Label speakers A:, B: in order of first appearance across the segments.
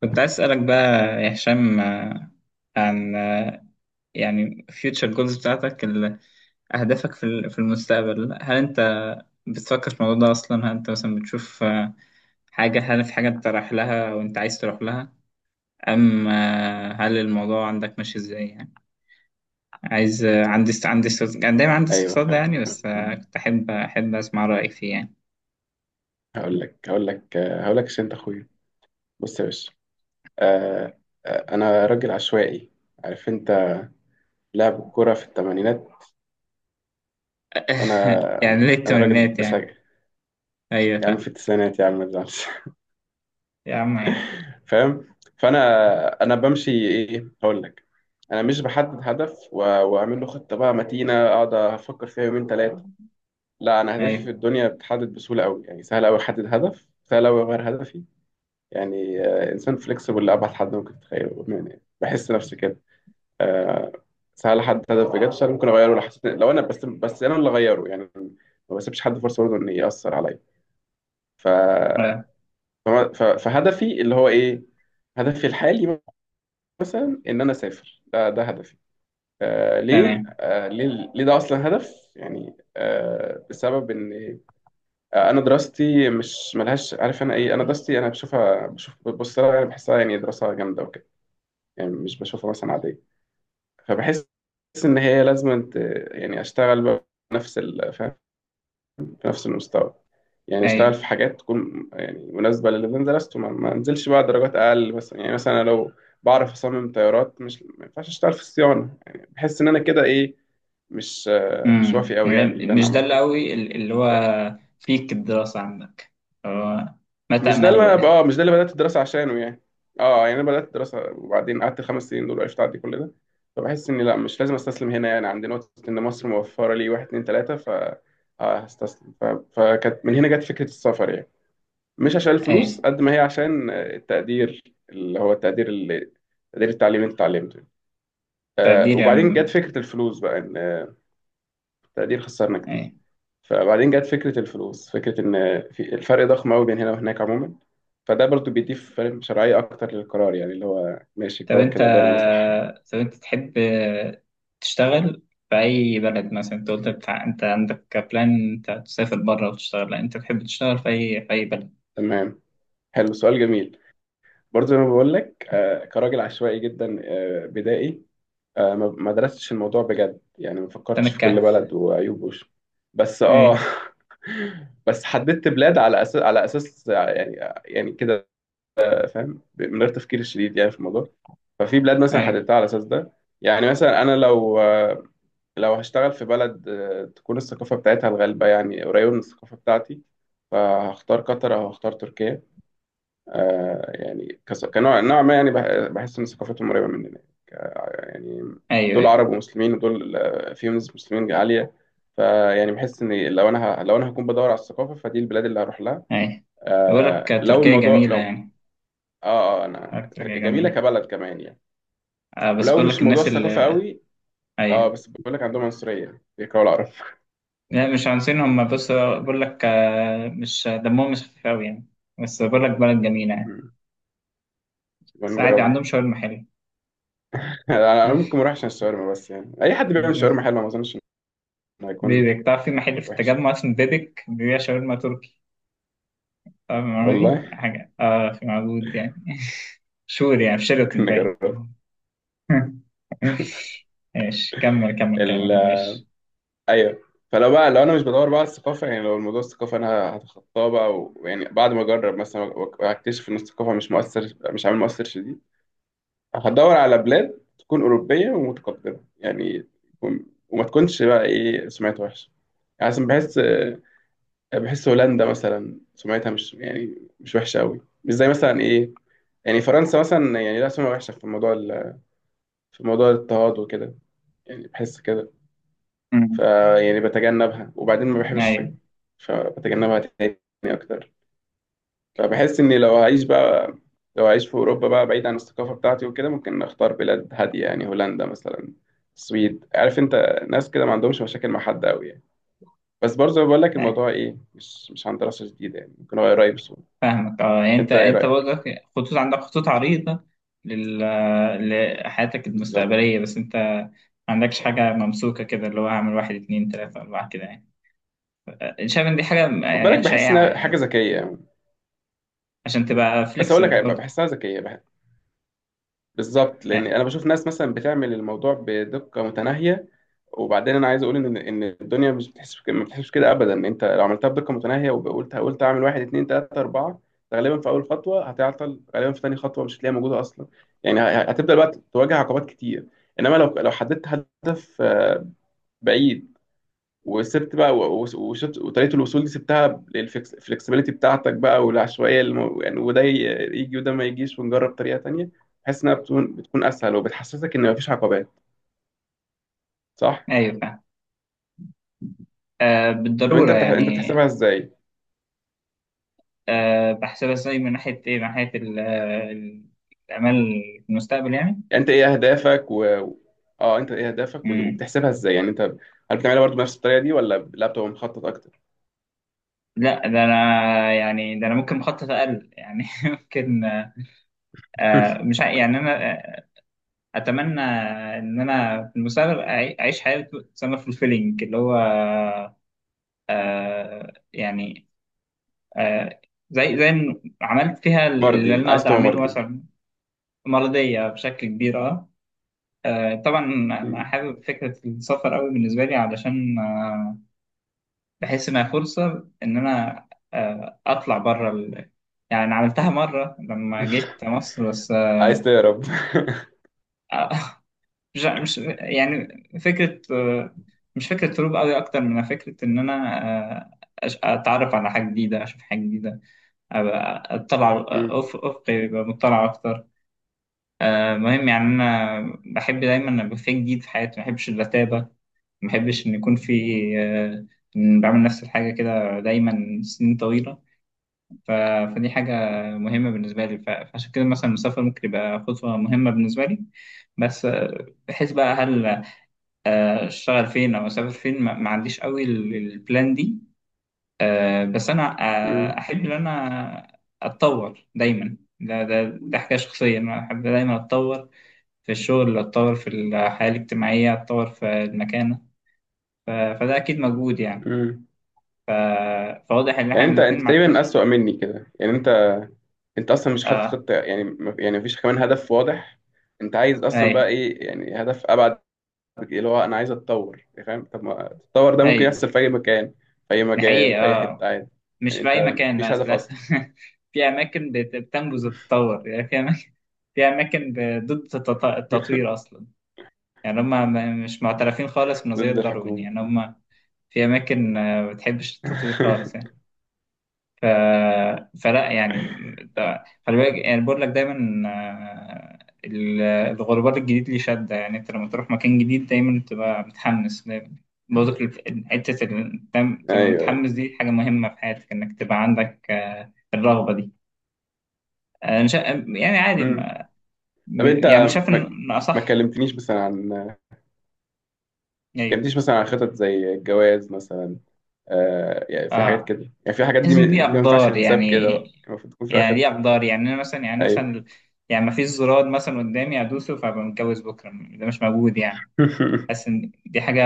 A: كنت عايز أسألك بقى يا هشام، عن يعني future goals بتاعتك أهدافك في المستقبل. هل أنت بتفكر في الموضوع ده أصلا؟ هل أنت مثلا بتشوف حاجة، هل في حاجة أنت رايح لها وأنت عايز تروح لها، أم هل الموضوع عندك ماشي إزاي يعني؟ عايز كان دايما عندي
B: ايوه،
A: استفسار ده
B: فعلا.
A: يعني، بس كنت أحب أسمع رأيك فيه يعني.
B: هقول لك عشان انت اخويا. بص يا باشا. آه، انا راجل عشوائي. عارف انت، لعب الكوره في الثمانينات. فانا
A: يعني ليه
B: انا راجل
A: التمنيات
B: بشجع،
A: يعني؟ أيوه
B: يا عم، في
A: فاهم.
B: التسعينات، يا عم ما تزعلش.
A: يا عم عادي.
B: فاهم. فانا بمشي ايه، هقول لك. انا مش بحدد هدف واعمل له خطه بقى متينه، اقعد افكر فيها يومين ثلاثه. لا، انا هدفي في
A: أيوه.
B: الدنيا بتحدد بسهوله قوي، يعني سهل قوي احدد هدف، سهل قوي اغير هدفي، يعني انسان فليكسبل لابعد حد ممكن تتخيله، يعني بحس نفسي كده. آه، سهل حد هدف بجد، سهل ممكن اغيره لو حسيت، لو انا بس انا اللي اغيره، يعني ما بسيبش حد فرصه برضه ان ياثر عليا. ف...
A: آه،
B: فهدفي اللي هو ايه، هدفي الحالي، مثلا ان انا اسافر. ده هدفي. آه ليه،
A: تمام.
B: ليه ده اصلا هدف؟ يعني بسبب ان انا دراستي مش ملهاش، عارف انا ايه، انا دراستي انا بشوفها، بشوف بص لها، يعني بحسها، يعني دراسه جامده وكده، يعني مش بشوفها مثلا عادية. فبحس إن هي لازم، أنت يعني، أشتغل بقى بنفس فاهم، بنفس المستوى، يعني أشتغل
A: أيوه.
B: في حاجات تكون يعني مناسبة للي أنا درسته، ما أنزلش بقى درجات أقل مثلا، يعني مثلا أنا لو بعرف أصمم طيارات، مش ما ينفعش أشتغل في الصيانة. يعني بحس إن أنا كده إيه، مش مش وافي قوي يعني
A: يعني
B: اللي أنا
A: مش ده اللي
B: عملته.
A: قوي اللي هو فيك الدراسة عندك، هو ما
B: مش ده
A: تأمله
B: اللي انا
A: يعني.
B: اه مش ده اللي بدات الدراسه عشانه يعني. اه يعني انا بدات الدراسه، وبعدين قعدت 5 سنين دول، عشت اعدي كل ده. فبحس ان لا، مش لازم استسلم هنا، يعني عند نقطه ان مصر موفره لي واحد اتنين تلاته، ف هستسلم. فكانت من هنا جت فكره السفر، يعني مش عشان الفلوس
A: ايه.
B: قد ما هي عشان التقدير، اللي هو التقدير اللي، تقدير التعليم اللي انت اتعلمته.
A: تقدير يا
B: وبعدين جت
A: عم.
B: فكره الفلوس بقى، ان التقدير خسرنا كتير.
A: ايه.
B: فبعدين جت فكرة الفلوس، فكرة إن في الفرق ضخم أوي بين هنا وهناك عموما، فده برضو بيديه، فاهم، شرعية أكتر للقرار، يعني اللي هو ماشي
A: طب
B: القرار
A: انت،
B: كده باين عليه صح يعني.
A: تحب تشتغل في اي بلد؟ مثلا انت قلت بتاع انت عندك بلان انت تسافر بره وتشتغل، لا انت تحب تشتغل في اي في اي بلد؟
B: تمام، حلو، سؤال جميل. برضو زي ما بقول لك، كراجل عشوائي جدا، بدائي، ما درستش الموضوع بجد، يعني ما
A: تمام
B: فكرتش في كل
A: الكهف.
B: بلد وعيوبه، بس
A: ايه.
B: بس حددت بلاد على أساس، يعني، يعني كده، فاهم، من غير تفكير شديد يعني في الموضوع. ففي بلاد مثلا
A: ايه.
B: حددتها على اساس ده. يعني مثلا انا لو هشتغل في بلد تكون الثقافه بتاعتها الغالبه يعني قريبه من الثقافه بتاعتي، فهختار قطر او هختار تركيا، يعني كنوع ما، يعني بحس ان ثقافتهم قريبه مننا، يعني
A: ايوه.
B: دول
A: ايه.
B: عرب ومسلمين، ودول فيهم نسبه مسلمين عاليه. فيعني بحس ان لو انا هكون بدور على الثقافه، فدي البلاد اللي هروح لها.
A: ايه. بقول لك
B: آه لو
A: تركيا
B: الموضوع
A: جميلة
B: لو
A: يعني.
B: اه، اه،
A: تركيا
B: جميله
A: جميلة.
B: كبلد كمان يعني،
A: آه بس
B: ولو
A: بقول لك
B: مش موضوع
A: الناس
B: الثقافة
A: اللي،
B: قوي. اه،
A: ايوه،
B: بس بقول لك عندهم عنصرية، بيكرهوا العرب.
A: لا مش عنصريين هم، بص بقول لك مش دمهم مش خفيف قوي يعني، بس بقول لك بلد جميلة يعني.
B: مم. يبقى
A: بس عادي
B: نجربها
A: عندهم
B: يعني.
A: شاورما حلوة.
B: انا ممكن ما اروحش عشان الشاورما، بس يعني اي حد بيعمل شاورما
A: عندهم-
B: حلوة، ما اظنش انه هيكون
A: بيبك تعرف؟ في محل في
B: وحش،
A: التجمع اسمه بيبك بيبيع شاورما تركي. تعرف المعلومة دي؟
B: والله.
A: حاجة اه في، موجود يعني. شور يعني، في
B: ممكن
A: شيراتون باين.
B: نجربها.
A: ماشي كمل،
B: ال...
A: كلامك
B: آه،
A: معلش.
B: ايوه. فلو بقى لو انا مش بدور بقى على الثقافة، يعني لو الموضوع الثقافة انا هتخطاه بقى، ويعني بعد ما اجرب مثلا واكتشف ان الثقافة مش عامل مؤثر شديد، هدور على بلاد تكون أوروبية ومتقدمة، يعني وما تكونش بقى ايه سمعت وحشة، يعني عشان بحس هولندا مثلا سمعتها مش، يعني مش وحشه قوي، مش زي مثلا ايه، يعني فرنسا مثلا، يعني لا، سمعة وحشه في موضوع الاضطهاد وكده، يعني بحس كده. ف،
A: أمم،
B: يعني بتجنبها، وبعدين ما بحبش
A: أيوه.
B: الشاي، فبتجنبها تاني اكتر. فبحس اني لو هعيش بقى، لو هعيش في اوروبا بقى بعيد عن الثقافه بتاعتي وكده، ممكن اختار بلاد هاديه، يعني هولندا مثلا، السويد، عارف انت، ناس كده ما عندهمش مشاكل مع حد قوي يعني. بس برضه بقول لك الموضوع
A: أيوه.
B: ايه، مش عن دراسه جديده يعني، ممكن هو قريب سوء.
A: فاهمك اه، يعني انت،
B: انت ايه رايك؟
A: برضك خطوط، عندك خطوط عريضة لل... لحياتك
B: بالظبط.
A: المستقبلية، بس انت ما عندكش حاجة ممسوكة كده اللي هو هعمل واحد اتنين تلاتة أربعة كده يعني. شايف إن دي حاجة
B: خد بالك،
A: يعني
B: بحس
A: شائعة
B: انها حاجه
A: يعني؟
B: ذكيه يعني.
A: عشان تبقى
B: بس اقول لك
A: فليكسبل
B: هيبقى،
A: برضه
B: بحسها ذكيه بالظبط، لان
A: يعني.
B: انا بشوف ناس مثلا بتعمل الموضوع بدقه متناهيه، وبعدين انا عايز اقول ان الدنيا مش ما بتحسش كده ابدا. انت لو عملتها بدقه متناهيه وقلت اعمل واحد اتنين تلاته اربعه، غالبا في اول خطوه هتعطل، غالبا في تاني خطوه مش هتلاقيها موجوده اصلا. يعني هتبدا الوقت تواجه عقبات كتير. انما لو حددت هدف بعيد، وسبت بقى، وطريقه الوصول دي سبتها للفلكسبيليتي بتاعتك بقى، والعشوائيه يعني، وده يجي، وده ما يجيش، ونجرب طريقه تانية، بحيث انها بتكون اسهل وبتحسسك ان مفيش عقبات، صح.
A: أيوة فاهم،
B: طب انت
A: بالضرورة يعني.
B: بتحسبها ازاي؟
A: بحسبها ازاي؟ من ناحية الأمال في المستقبل يعني.
B: يعني انت ايه اهدافك و... اه انت ايه اهدافك و-
A: مم.
B: وبتحسبها ازاي يعني؟ انت هل بتعملها برضه بنفس الطريقه دي، ولا لا، بتبقى مخطط اكتر؟
A: لا ده أنا، يعني ده أنا ممكن مخطط أقل يعني. ممكن مش ع- يعني أنا اتمنى ان انا في المستقبل اعيش حياه تسمى فولفيلينج، اللي هو يعني آه زي إن عملت فيها اللي
B: مرضي،
A: انا
B: عايز
A: اقدر
B: تبقى
A: اعمله
B: مرضي؟
A: مثلا. مرضيه بشكل كبير اه. طبعا انا
B: مم.
A: حابب فكره السفر قوي بالنسبه لي، علشان بحس انها فرصه ان انا اطلع بره يعني عملتها مره لما جيت مصر بس.
B: عايز تهرب؟
A: مش يعني فكرة مش فكرة هروب قوي، أكتر من فكرة إن أنا آه، أتعرف على حاجة جديدة، أشوف حاجة جديدة، أبقى أطلع
B: مم.
A: أفقي، يبقى مطلع أكتر. مهم يعني، أنا بحب دايما أبقى في جديد في حياتي، ما بحبش الرتابة، ما بحبش إن يكون في آه، إن بعمل نفس الحاجة كده دايما سنين طويلة. ف- فدي حاجة مهمة بالنسبة لي، فعشان كده مثلا المسافر ممكن يبقى خطوة مهمة بالنسبة لي. بس بحيث بقى هل اشتغل فين او اسافر فين؟ ما عنديش قوي البلان دي. بس انا
B: مم.
A: احب ان انا اتطور دايما. ده حكايه شخصيه، انا احب دايما اتطور في الشغل، اتطور في الحياه الاجتماعيه، اتطور في المكانه. فده اكيد مجهود يعني.
B: مم.
A: ف- فواضح ان
B: يعني
A: احنا
B: انت
A: الاثنين
B: انت
A: ما
B: تقريبا
A: عندناش.
B: اسوأ مني كده، يعني انت، انت اصلا مش حاطط
A: اه.
B: خطه، يعني يعني مفيش كمان هدف واضح. انت عايز اصلا بقى
A: ايوه.
B: ايه، يعني هدف ابعد اللي هو انا عايز اتطور، يعني فاهم؟ طب ما التطور ده ممكن
A: ايوه.
B: يحصل في اي مكان، في اي
A: دي
B: مجال،
A: حقيقه
B: في اي حته،
A: اه.
B: عادي.
A: مش
B: يعني
A: في
B: انت
A: اي مكان، لا
B: مفيش هدف
A: اساسا.
B: اصلا.
A: في اماكن بتنبذ التطور يعني، في اماكن ضد التطوير اصلا. يعني هم مش معترفين خالص بنظرية
B: ضد
A: داروين
B: الحكومه.
A: يعني، هم في أماكن ما بتحبش التطوير خالص يعني. ف... فلا يعني، خلي بالك، يعني بقول لك دايما الغربال الجديد ليه شدة يعني. أنت لما تروح مكان جديد دايما بتبقى متحمس، دايما برضك حتة دايما تبقى
B: ايوه، ايوه.
A: متحمس. دي حاجة مهمة في حياتك إنك تبقى عندك الرغبة دي. أنا يعني عادي
B: امم.
A: ما...
B: طب انت
A: يعني شايف إن
B: ما
A: إن أصح.
B: ما
A: أيوه.
B: كلمتنيش مثلا عن خطط زي الجواز مثلا. آه، يعني في حاجات
A: آه.
B: كده، يعني في حاجات
A: بحس
B: دي
A: ان دي
B: دي ما ينفعش
A: اقدار
B: تتساب كده
A: يعني،
B: بقى، المفروض تكون في
A: يعني دي
B: خطه.
A: اقدار يعني، انا
B: ايوه.
A: مثلا يعني ما فيش زرار مثلا قدامي ادوسه فابقى متجوز بكره، ده مش موجود يعني. حاسس ان دي حاجه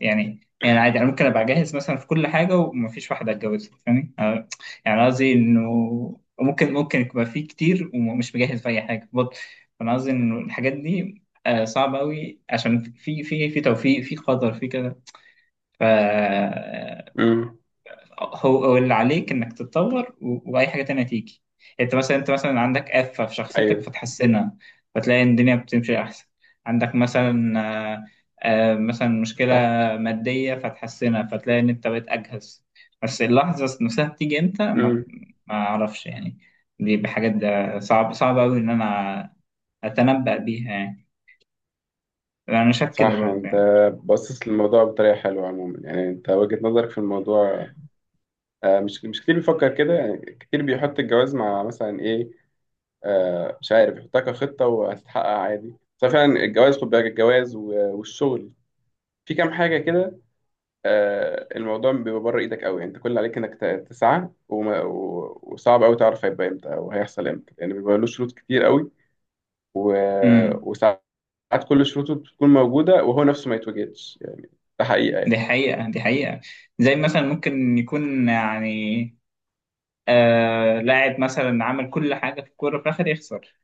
A: يعني عادي، انا ممكن ابقى جاهز مثلا في كل حاجه وما فيش واحده اتجوزها، فاهمني؟ يعني قصدي انه ممكن يبقى في كتير، ومش مجهز في اي حاجه برضه. فانا قصدي انه الحاجات دي صعبه قوي، عشان في، في توفيق، في قدر، في كده. ف
B: امم.
A: هو، اللي عليك انك تتطور واي حاجه تانية تيجي يعني. انت مثلا، عندك آفة في شخصيتك
B: ايوه،
A: فتحسنها، فتلاقي ان الدنيا بتمشي احسن. عندك مثلا آه، مثلا مشكله
B: صح.
A: ماديه فتحسنها، فتلاقي ان انت بقيت اجهز. بس اللحظه نفسها بتيجي امتى، ما
B: امم.
A: ما اعرفش يعني. دي بحاجات، ده صعب صعب قوي ان انا اتنبأ بيها يعني. انا شايف كده
B: صح.
A: برضه
B: انت
A: يعني.
B: باصص للموضوع بطريقه حلوه عموما، يعني انت وجهه نظرك في الموضوع مش كتير بيفكر كده، يعني كتير بيحط الجواز مع مثلا ايه، مش عارف يحطها كخطه وهتتحقق عادي. بس فعلا الجواز، خد بالك، الجواز والشغل، في كام حاجه كده، الموضوع بيبقى بره ايدك قوي، يعني انت كل اللي عليك انك تسعى، وصعب قوي تعرف هيبقى امتى او هيحصل امتى، لان يعني بيبقى له شروط كتير قوي،
A: امم
B: وصعب ساعات كل شروطه بتكون موجودة، وهو نفسه ما يتوجدش يعني، ده حقيقة
A: دي
B: يعني.
A: حقيقة، دي حقيقة. زي مثلا ممكن يكون يعني لاعب مثلا عمل كل حاجة في الكورة، في الآخر يخسر.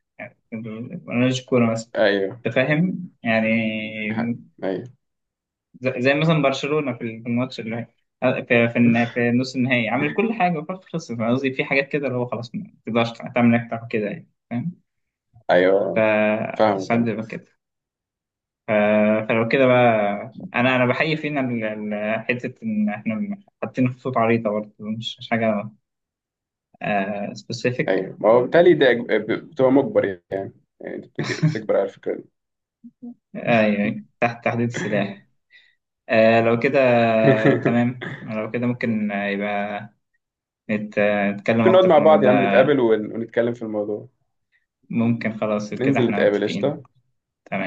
A: ملوش كورة مثلا.
B: أيوه،
A: أنت فاهم؟ يعني
B: دي حقيقة.
A: زي مثلا برشلونة في الماتش
B: أيوه،
A: في نص النهائي، عمل كل حاجة وفي الآخر خسر. فاهم قصدي؟ في حاجات كده اللي هو خلاص، ما تقدرش تعمل أكتر من كده يعني. فاهم؟
B: أيوه، فاهمك
A: فساعات
B: أنا.
A: بيبقى كده. ف- فلو كده بقى، أنا بحيي فينا حتة إن إحنا حاطين خطوط عريضة برضه، مش حاجة سبيسيفيك.
B: أيوه، ما هو بالتالي ده بتبقى مجبر، يعني، يعني أنت بتجبر على الفكرة دي.
A: أيوه. أيوة. تحت تحديد السلاح. لو كده تمام، لو كده ممكن يبقى نتكلم
B: ممكن نقعد
A: أكتر في
B: مع
A: الموضوع
B: بعض يا
A: ده.
B: عم، نتقابل ونتكلم في الموضوع.
A: ممكن، خلاص كده
B: ننزل
A: احنا
B: نتقابل،
A: متفقين.
B: قشطة.
A: تمام.